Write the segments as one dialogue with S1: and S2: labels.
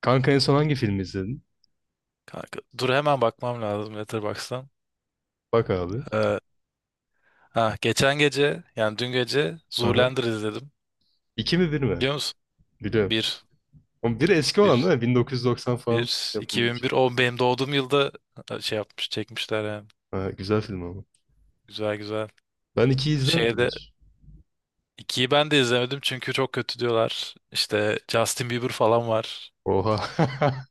S1: Kanka en son hangi filmi izledin?
S2: Kanka, dur hemen bakmam lazım Letterboxd'dan.
S1: Bak abi.
S2: Ee, ha, geçen gece yani dün gece
S1: Aha.
S2: Zoolander izledim.
S1: İki mi bir mi?
S2: Biliyor musun?
S1: Biliyorum.
S2: Bir,
S1: Ama bir eski olan
S2: bir,
S1: değil mi? 1990 falan
S2: bir,
S1: yapımı bir şey.
S2: 2001, o benim doğduğum yılda şey yapmış çekmişler yani.
S1: Ha, güzel film ama.
S2: Güzel güzel.
S1: Ben ikiyi izlemedim
S2: Şeyde
S1: hiç.
S2: ikiyi ben de izlemedim çünkü çok kötü diyorlar. İşte Justin Bieber falan var.
S1: Oha.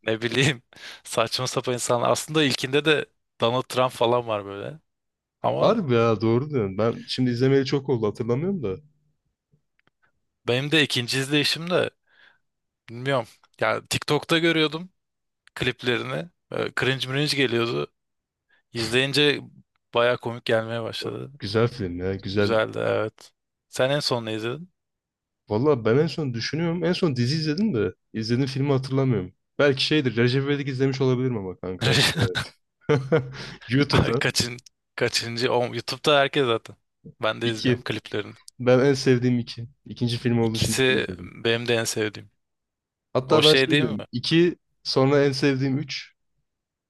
S2: Ne bileyim saçma sapan insanlar. Aslında ilkinde de Donald Trump falan var böyle. Ama
S1: Harbi ya, doğru diyorsun. Ben şimdi izlemeli çok oldu, hatırlamıyorum da.
S2: benim de ikinci izleyişim de bilmiyorum. Yani TikTok'ta görüyordum kliplerini. Cringe mringe geliyordu. İzleyince baya komik gelmeye başladı.
S1: Güzel film ya, güzel.
S2: Güzeldi, evet. Sen en son ne izledin?
S1: Valla ben en son düşünüyorum. En son dizi izledim de. İzlediğim filmi hatırlamıyorum. Belki şeydir. Recep İvedik izlemiş olabilirim ama kanka. Evet.
S2: Ay,
S1: YouTube'dan.
S2: Kaçıncı? O, YouTube'da herkes zaten. Ben de izliyorum
S1: İki.
S2: kliplerini.
S1: Ben en sevdiğim iki. İkinci film olduğu için iki
S2: İkisi
S1: izledim.
S2: benim de en sevdiğim. O
S1: Hatta ben
S2: şey
S1: şey
S2: değil mi?
S1: diyorum. 2 sonra en sevdiğim üç.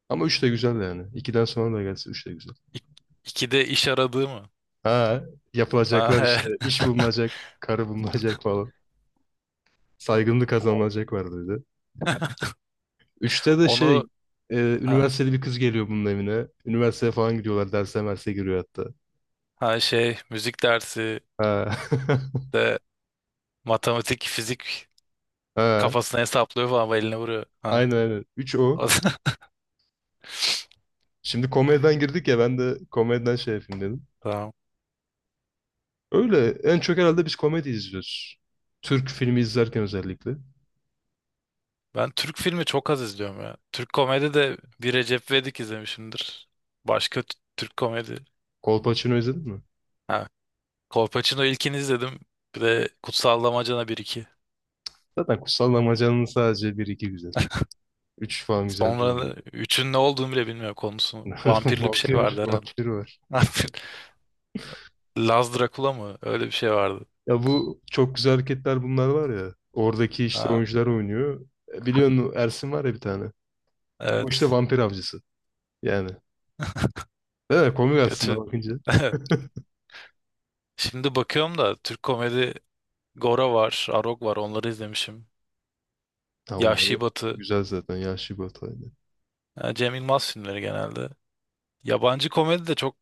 S1: Ama 3 de güzel yani. İkiden sonra da gelse 3 de güzel.
S2: İk, ikide iş aradığı mı?
S1: Ha,
S2: Ha,
S1: yapılacaklar işte,
S2: evet.
S1: iş bulunacak, karı bulunacak falan. Saygınlık
S2: O-
S1: kazanılacak var dedi. Üçte de
S2: Onu,
S1: şey,
S2: ha,
S1: üniversiteli bir kız geliyor bunun evine. Üniversiteye falan gidiyorlar. Derse merse giriyor hatta.
S2: ha, şey müzik dersi
S1: Ha.
S2: de matematik, fizik
S1: Ha.
S2: kafasına hesaplıyor falan ve eline vuruyor. Ha.
S1: Aynen aynen. 3 o.
S2: O-
S1: Şimdi komediden girdik ya, ben de komediden şey yapayım dedim.
S2: Tamam.
S1: Öyle en çok herhalde biz komedi izliyoruz. Türk filmi izlerken özellikle.
S2: Ben Türk filmi çok az izliyorum ya. Türk komedi de bir Recep İvedik izlemişimdir. Başka Türk komedi.
S1: Kolpaçino izledin mi?
S2: Ha, Kolpaçino ilkini izledim. Bir de Kutsal Damacana 1-2.
S1: Zaten Kutsal Damacan'ın sadece bir iki güzel. Üç falan güzel değil.
S2: Sonra üçün ne olduğunu bile bilmiyorum konusunu.
S1: Yani.
S2: Vampirli bir şey
S1: Vampir,
S2: vardı herhalde.
S1: vampir var.
S2: Laz Dracula mı? Öyle bir şey vardı.
S1: Ya bu çok güzel hareketler bunlar var ya. Oradaki işte
S2: Ha,
S1: oyuncular oynuyor. E, biliyorsun Ersin var ya bir tane. O işte
S2: evet.
S1: vampir avcısı. Yani. Değil mi? Komik aslında
S2: Kötü.
S1: bakınca.
S2: Şimdi bakıyorum da Türk komedi, Gora var, Arog var, onları izlemişim.
S1: Ha, onlar
S2: Yahşi Batı.
S1: güzel zaten. Yaşlı bir hataydı.
S2: Ha, Cem Yılmaz filmleri genelde. Yabancı komedi de çok,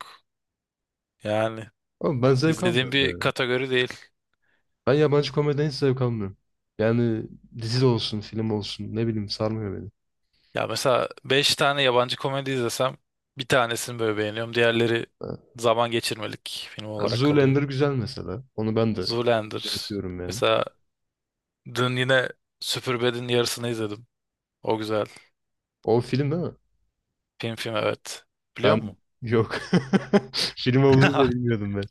S2: yani
S1: Ama ben zevk
S2: izlediğim
S1: almıyorum
S2: bir
S1: ya.
S2: kategori değil.
S1: Ben yabancı komediden hiç zevk almıyorum. Yani dizi de olsun, film olsun. Ne bileyim, sarmıyor beni.
S2: Ya mesela 5 tane yabancı komedi izlesem bir tanesini böyle beğeniyorum. Diğerleri
S1: Ha.
S2: zaman geçirmelik film olarak kalıyor.
S1: Zoolander güzel mesela. Onu ben de
S2: Zoolander.
S1: şey yapıyorum yani.
S2: Mesela dün yine Superbad'in yarısını izledim. O güzel.
S1: O film değil mi?
S2: Film film, evet. Biliyor
S1: Ben
S2: musun?
S1: yok. Film olduğunu da bilmiyordum ben.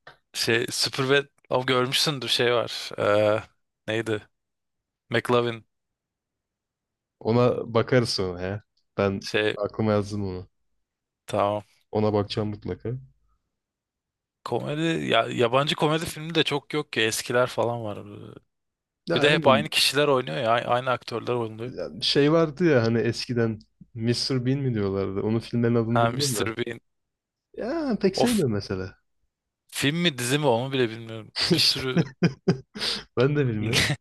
S2: Şey, Superbad, o görmüşsündür, şey var. Neydi? McLovin,
S1: Ona bakarız sonra ya. Ben
S2: şey,
S1: aklıma yazdım onu.
S2: tamam.
S1: Ona bakacağım mutlaka.
S2: Komedi ya, yabancı komedi filmi de çok yok ki, eskiler falan var.
S1: Ya,
S2: Bir de hep
S1: hani,
S2: aynı kişiler oynuyor ya. Aynı aktörler oynuyor.
S1: ya şey vardı ya hani eskiden Mr. Bean mi diyorlardı? Onun filmlerin adını
S2: Ha,
S1: bilmiyorum da.
S2: Mr. Bean.
S1: Ya pek
S2: O f-
S1: sevmiyorum mesela.
S2: Film mi, dizi mi, onu bile bilmiyorum. Bir
S1: İşte.
S2: sürü
S1: Ben de bilmiyorum.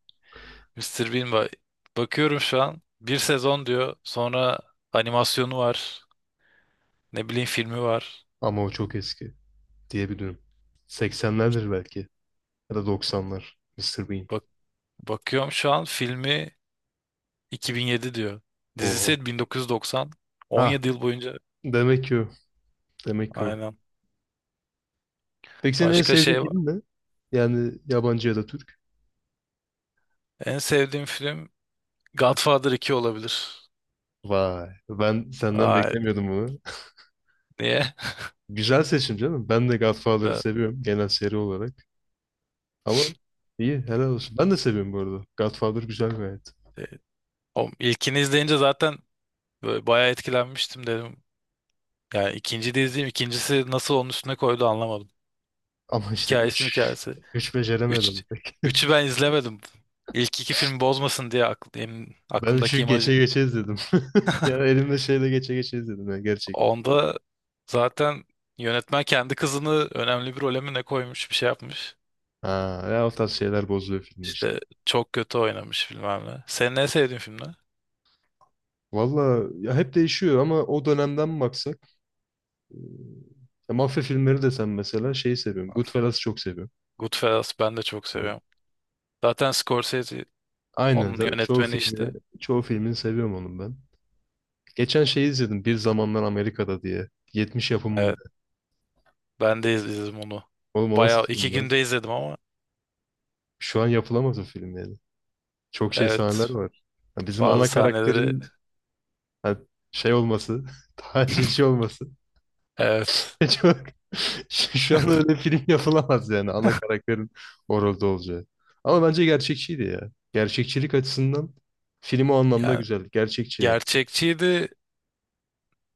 S2: Mister Bean var. Bakıyorum şu an. Bir sezon diyor. Sonra animasyonu var. Ne bileyim, filmi var.
S1: Ama o çok eski diyebilirim. 80'lerdir belki. Ya da 90'lar. Mr. Bean.
S2: Bak, bakıyorum şu an, filmi 2007 diyor.
S1: Oha.
S2: Dizisi 1990.
S1: Ha.
S2: 17 yıl boyunca.
S1: Demek ki o. Demek ki o.
S2: Aynen.
S1: Peki senin en
S2: Başka
S1: sevdiğin
S2: şey var.
S1: film ne? Yani yabancı ya da Türk.
S2: En sevdiğim film Godfather 2 olabilir.
S1: Vay, ben senden
S2: Vay.
S1: beklemiyordum bunu.
S2: Niye?
S1: Güzel seçim canım. Ben de Godfather'ı
S2: Ben-
S1: seviyorum genel seri olarak. Ama iyi, helal olsun. Ben de seviyorum bu arada. Godfather güzel gayet.
S2: e, O ilkini izleyince zaten böyle bayağı etkilenmiştim, dedim. Yani ikinci de izleyeyim. İkincisi nasıl onun üstüne koydu anlamadım.
S1: Ama işte
S2: Hikayesi,
S1: 3,
S2: hikayesi.
S1: 3
S2: Üç,
S1: beceremedim pek.
S2: üçü ben izlemedim. İlk iki film bozmasın diye
S1: Ben 3'ü
S2: aklımdaki
S1: geçe
S2: imajı.
S1: geçe izledim. Ya elimde şeyle geçe geçe izledim ya gerçekten.
S2: Onda zaten yönetmen kendi kızını önemli bir role mi ne koymuş, bir şey yapmış.
S1: Ha, ya o tarz şeyler bozuyor filmi işte.
S2: İşte çok kötü oynamış bilmem ne. Senin en sevdiğin film ne?
S1: Valla ya hep değişiyor ama o dönemden mi? Ya mafya filmleri desem mesela şeyi seviyorum. Goodfellas'ı çok seviyorum.
S2: Goodfellas, ben de çok
S1: Hı.
S2: seviyorum. Zaten Scorsese
S1: Aynen.
S2: onun
S1: Zaten çoğu
S2: yönetmeni
S1: filmi,
S2: işte.
S1: çoğu filmini seviyorum onun ben. Geçen şeyi izledim. Bir Zamanlar Amerika'da diye. 70 yapımında.
S2: Evet, ben de izledim onu.
S1: Oğlum o
S2: Bayağı
S1: nasıl
S2: iki
S1: film lan?
S2: günde izledim ama.
S1: Şu an yapılamaz o film yani. Çok şey sahneler
S2: Evet.
S1: var. Ya bizim
S2: Bazı
S1: ana
S2: sahneleri,
S1: karakterin, ha, şey olması, tacizci olması.
S2: evet.
S1: Çok... Şu an öyle film yapılamaz yani, ana karakterin orada olacağı. Ama bence gerçekçiydi ya. Gerçekçilik açısından film o anlamda
S2: Yani
S1: güzel. Gerçekçi yani.
S2: gerçekçiydi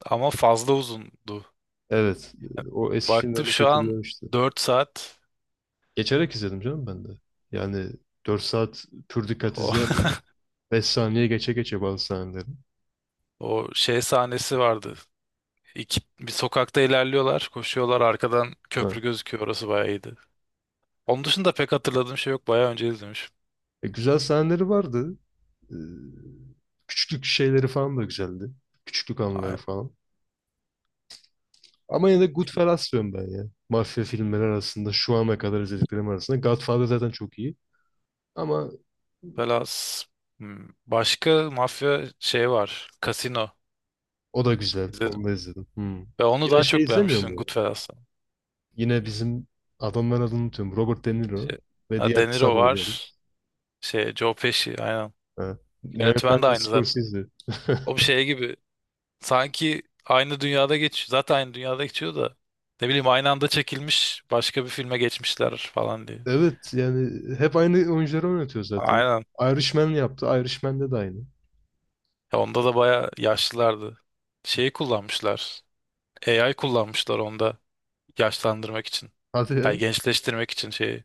S2: ama fazla uzundu.
S1: Evet. O eski
S2: Baktım
S1: filmlerini
S2: şu an
S1: kötülüyormuştu.
S2: 4 saat.
S1: Geçerek izledim canım ben de. Yani 4 saat pür dikkat
S2: o,
S1: izleyen 5 saniye geçe geçe bazı sahneleri.
S2: O şey sahnesi vardı. İki, bir sokakta ilerliyorlar, koşuyorlar, arkadan
S1: Ha.
S2: köprü gözüküyor. Orası bayağı iyiydi. Onun dışında pek hatırladığım şey yok. Bayağı önce izlemişim.
S1: E, güzel sahneleri vardı. E, küçüklük şeyleri falan da güzeldi. Küçüklük anıları
S2: Aynen.
S1: falan. Ama yine de Goodfellas diyorum ben ya. Mafya filmleri arasında şu ana kadar izlediklerim arasında, Godfather zaten çok iyi. Ama
S2: Velas, başka mafya şey var. Casino
S1: o da güzel.
S2: izledim.
S1: Onu da izledim. Hmm.
S2: Ve onu
S1: Yine
S2: daha
S1: şey
S2: çok
S1: izlemiyor
S2: beğenmiştim
S1: mu?
S2: Goodfellas'tan.
S1: Yine bizim adamların adını unutuyorum. Robert De Niro
S2: Şey,
S1: ve
S2: ha,
S1: diğer
S2: De
S1: kısa
S2: Niro
S1: boylu herif.
S2: var. Şey, Joe Pesci, aynen.
S1: Ha.
S2: Yönetmen de
S1: Yönetmen de
S2: aynı zaten.
S1: Scorsese.
S2: O bir şey gibi, sanki aynı dünyada geçiyor. Zaten aynı dünyada geçiyor da, ne bileyim, aynı anda çekilmiş başka bir filme geçmişler falan diye.
S1: Evet yani hep aynı oyuncuları oynatıyor zaten.
S2: Aynen.
S1: Irishman yaptı. Irishman'de de aynı.
S2: Ya onda da bayağı yaşlılardı. Şeyi kullanmışlar. AI kullanmışlar onda, yaşlandırmak için.
S1: Hadi
S2: Yani
S1: ya.
S2: gençleştirmek için şeyi.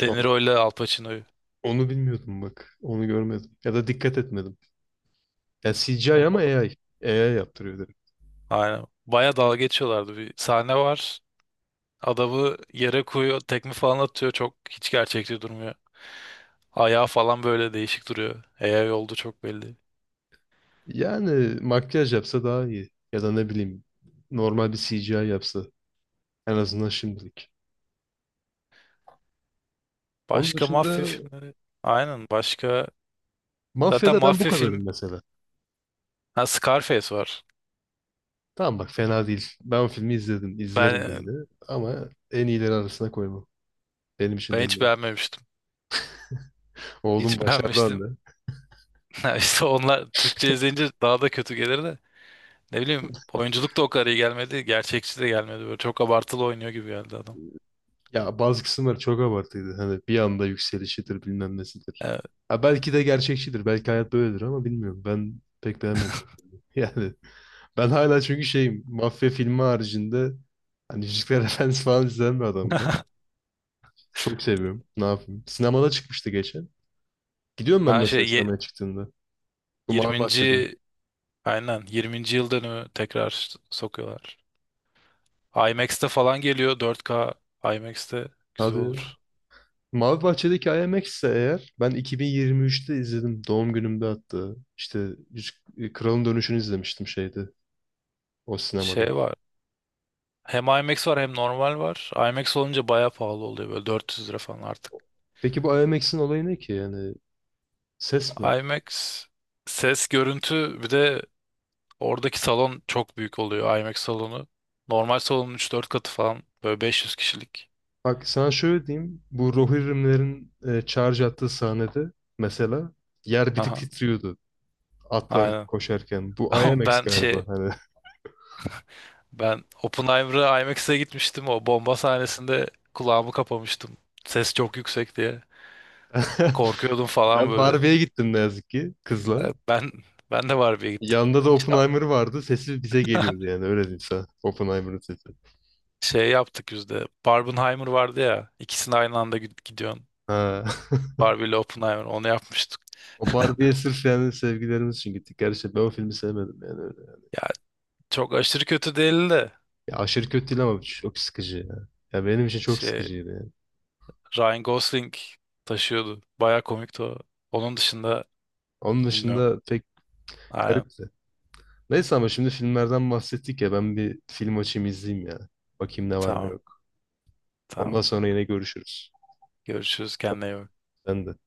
S2: De
S1: Ama
S2: Niro ile Al Pacino'yu.
S1: onu bilmiyordum bak. Onu görmedim. Ya da dikkat etmedim. Ya CGI ama AI. AI yaptırıyor direkt.
S2: Aynen, baya dalga geçiyorlardı. Bir sahne var. Adamı yere koyuyor. Tekme falan atıyor. Çok, hiç gerçekçi durmuyor. Ayağı falan böyle değişik duruyor. AI oldu çok belli.
S1: Yani makyaj yapsa daha iyi. Ya da ne bileyim normal bir CGI yapsa. En azından şimdilik. Onun
S2: Başka mafya
S1: dışında
S2: filmleri. Aynen, başka. Zaten
S1: Mafya'da ben bu
S2: mafya film.
S1: kadarım mesela.
S2: Ha, Scarface var.
S1: Tamam bak, fena değil. Ben o filmi izledim. İzlerim de
S2: Ben
S1: yine. Ama en iyileri arasına koymam. Benim için
S2: ben
S1: de
S2: hiç
S1: iyi.
S2: beğenmemiştim.
S1: Oğlum
S2: Hiç
S1: başardı anne.
S2: beğenmiştim. Ha, İşte onlar Türkçe izleyince daha da kötü gelir de. Ne bileyim, oyunculuk da o kadar iyi gelmedi. Gerçekçi de gelmedi. Böyle çok abartılı oynuyor gibi geldi adam.
S1: Ya bazı kısımlar çok abartıydı. Hani bir anda yükselişidir bilmem nesidir.
S2: Evet.
S1: Ha, belki de gerçekçidir. Belki hayat böyledir ama bilmiyorum. Ben pek beğenmedim. Yani ben hala çünkü şeyim. Mafya filmi haricinde hani Yüzükler Efendisi falan izleyen bir adamım ben. Çok seviyorum. Ne yapayım? Sinemada çıkmıştı geçen. Gidiyorum ben
S2: Ha şey
S1: mesela
S2: ye-
S1: sinemaya çıktığında. Bu Mavi Bahçe'de.
S2: 20. Aynen, yirminci yıl dönümü tekrar sokuyorlar. IMAX'te falan geliyor, dört k, IMAX'te güzel
S1: Hadi ya.
S2: olur.
S1: Mavi Bahçe'deki IMAX ise eğer ben 2023'te izledim. Doğum günümde hatta. İşte Kralın Dönüşü'nü izlemiştim şeyde. O sinemada.
S2: Şey var. Hem IMAX var hem normal var. IMAX olunca bayağı pahalı oluyor, böyle 400 lira falan artık.
S1: Peki bu IMX'in olayı ne ki yani, ses mi?
S2: IMAX ses, görüntü, bir de oradaki salon çok büyük oluyor, IMAX salonu. Normal salonun üç dört katı falan, böyle 500 kişilik.
S1: Bak sana şöyle diyeyim, bu Rohirrimlerin charge attığı sahnede mesela, yer bir tık
S2: Aha,
S1: titriyordu atlar
S2: aynen.
S1: koşarken. Bu
S2: Ama
S1: IMX
S2: ben
S1: galiba
S2: şey
S1: hani.
S2: ben Oppenheimer'a IMAX'e gitmiştim, o bomba sahnesinde kulağımı kapamıştım. Ses çok yüksek diye korkuyordum falan
S1: Ben
S2: böyle.
S1: Barbie'ye gittim ne yazık ki kızla.
S2: Evet, ben de Barbie'ye gittim.
S1: Yanında da
S2: İşte
S1: Oppenheimer vardı. Sesi bize geliyordu yani, öyle diyeyim sana. Oppenheimer'ın sesi.
S2: şey yaptık biz de. Barbenheimer vardı ya. İkisini aynı anda gidiyorsun.
S1: Ha.
S2: Barbie ile Oppenheimer. Onu yapmıştık.
S1: O Barbie'ye sırf yani sevgilerimiz için gittik. Gerçi ben o filmi sevmedim yani öyle.
S2: Ya çok aşırı kötü değildi de.
S1: Ya aşırı kötü değil ama çok sıkıcı ya. Ya benim için çok
S2: Şey,
S1: sıkıcıydı yani.
S2: Ryan Gosling taşıyordu. Baya komikti o. Onun dışında
S1: Onun
S2: bilmiyorum.
S1: dışında pek
S2: Aynen.
S1: garipti. Neyse ama şimdi filmlerden bahsettik ya, ben bir film açayım izleyeyim ya. Bakayım ne var ne
S2: Tamam.
S1: yok. Ondan
S2: Tamam.
S1: sonra yine görüşürüz.
S2: Görüşürüz. Kendine iyi bak.
S1: Sen de.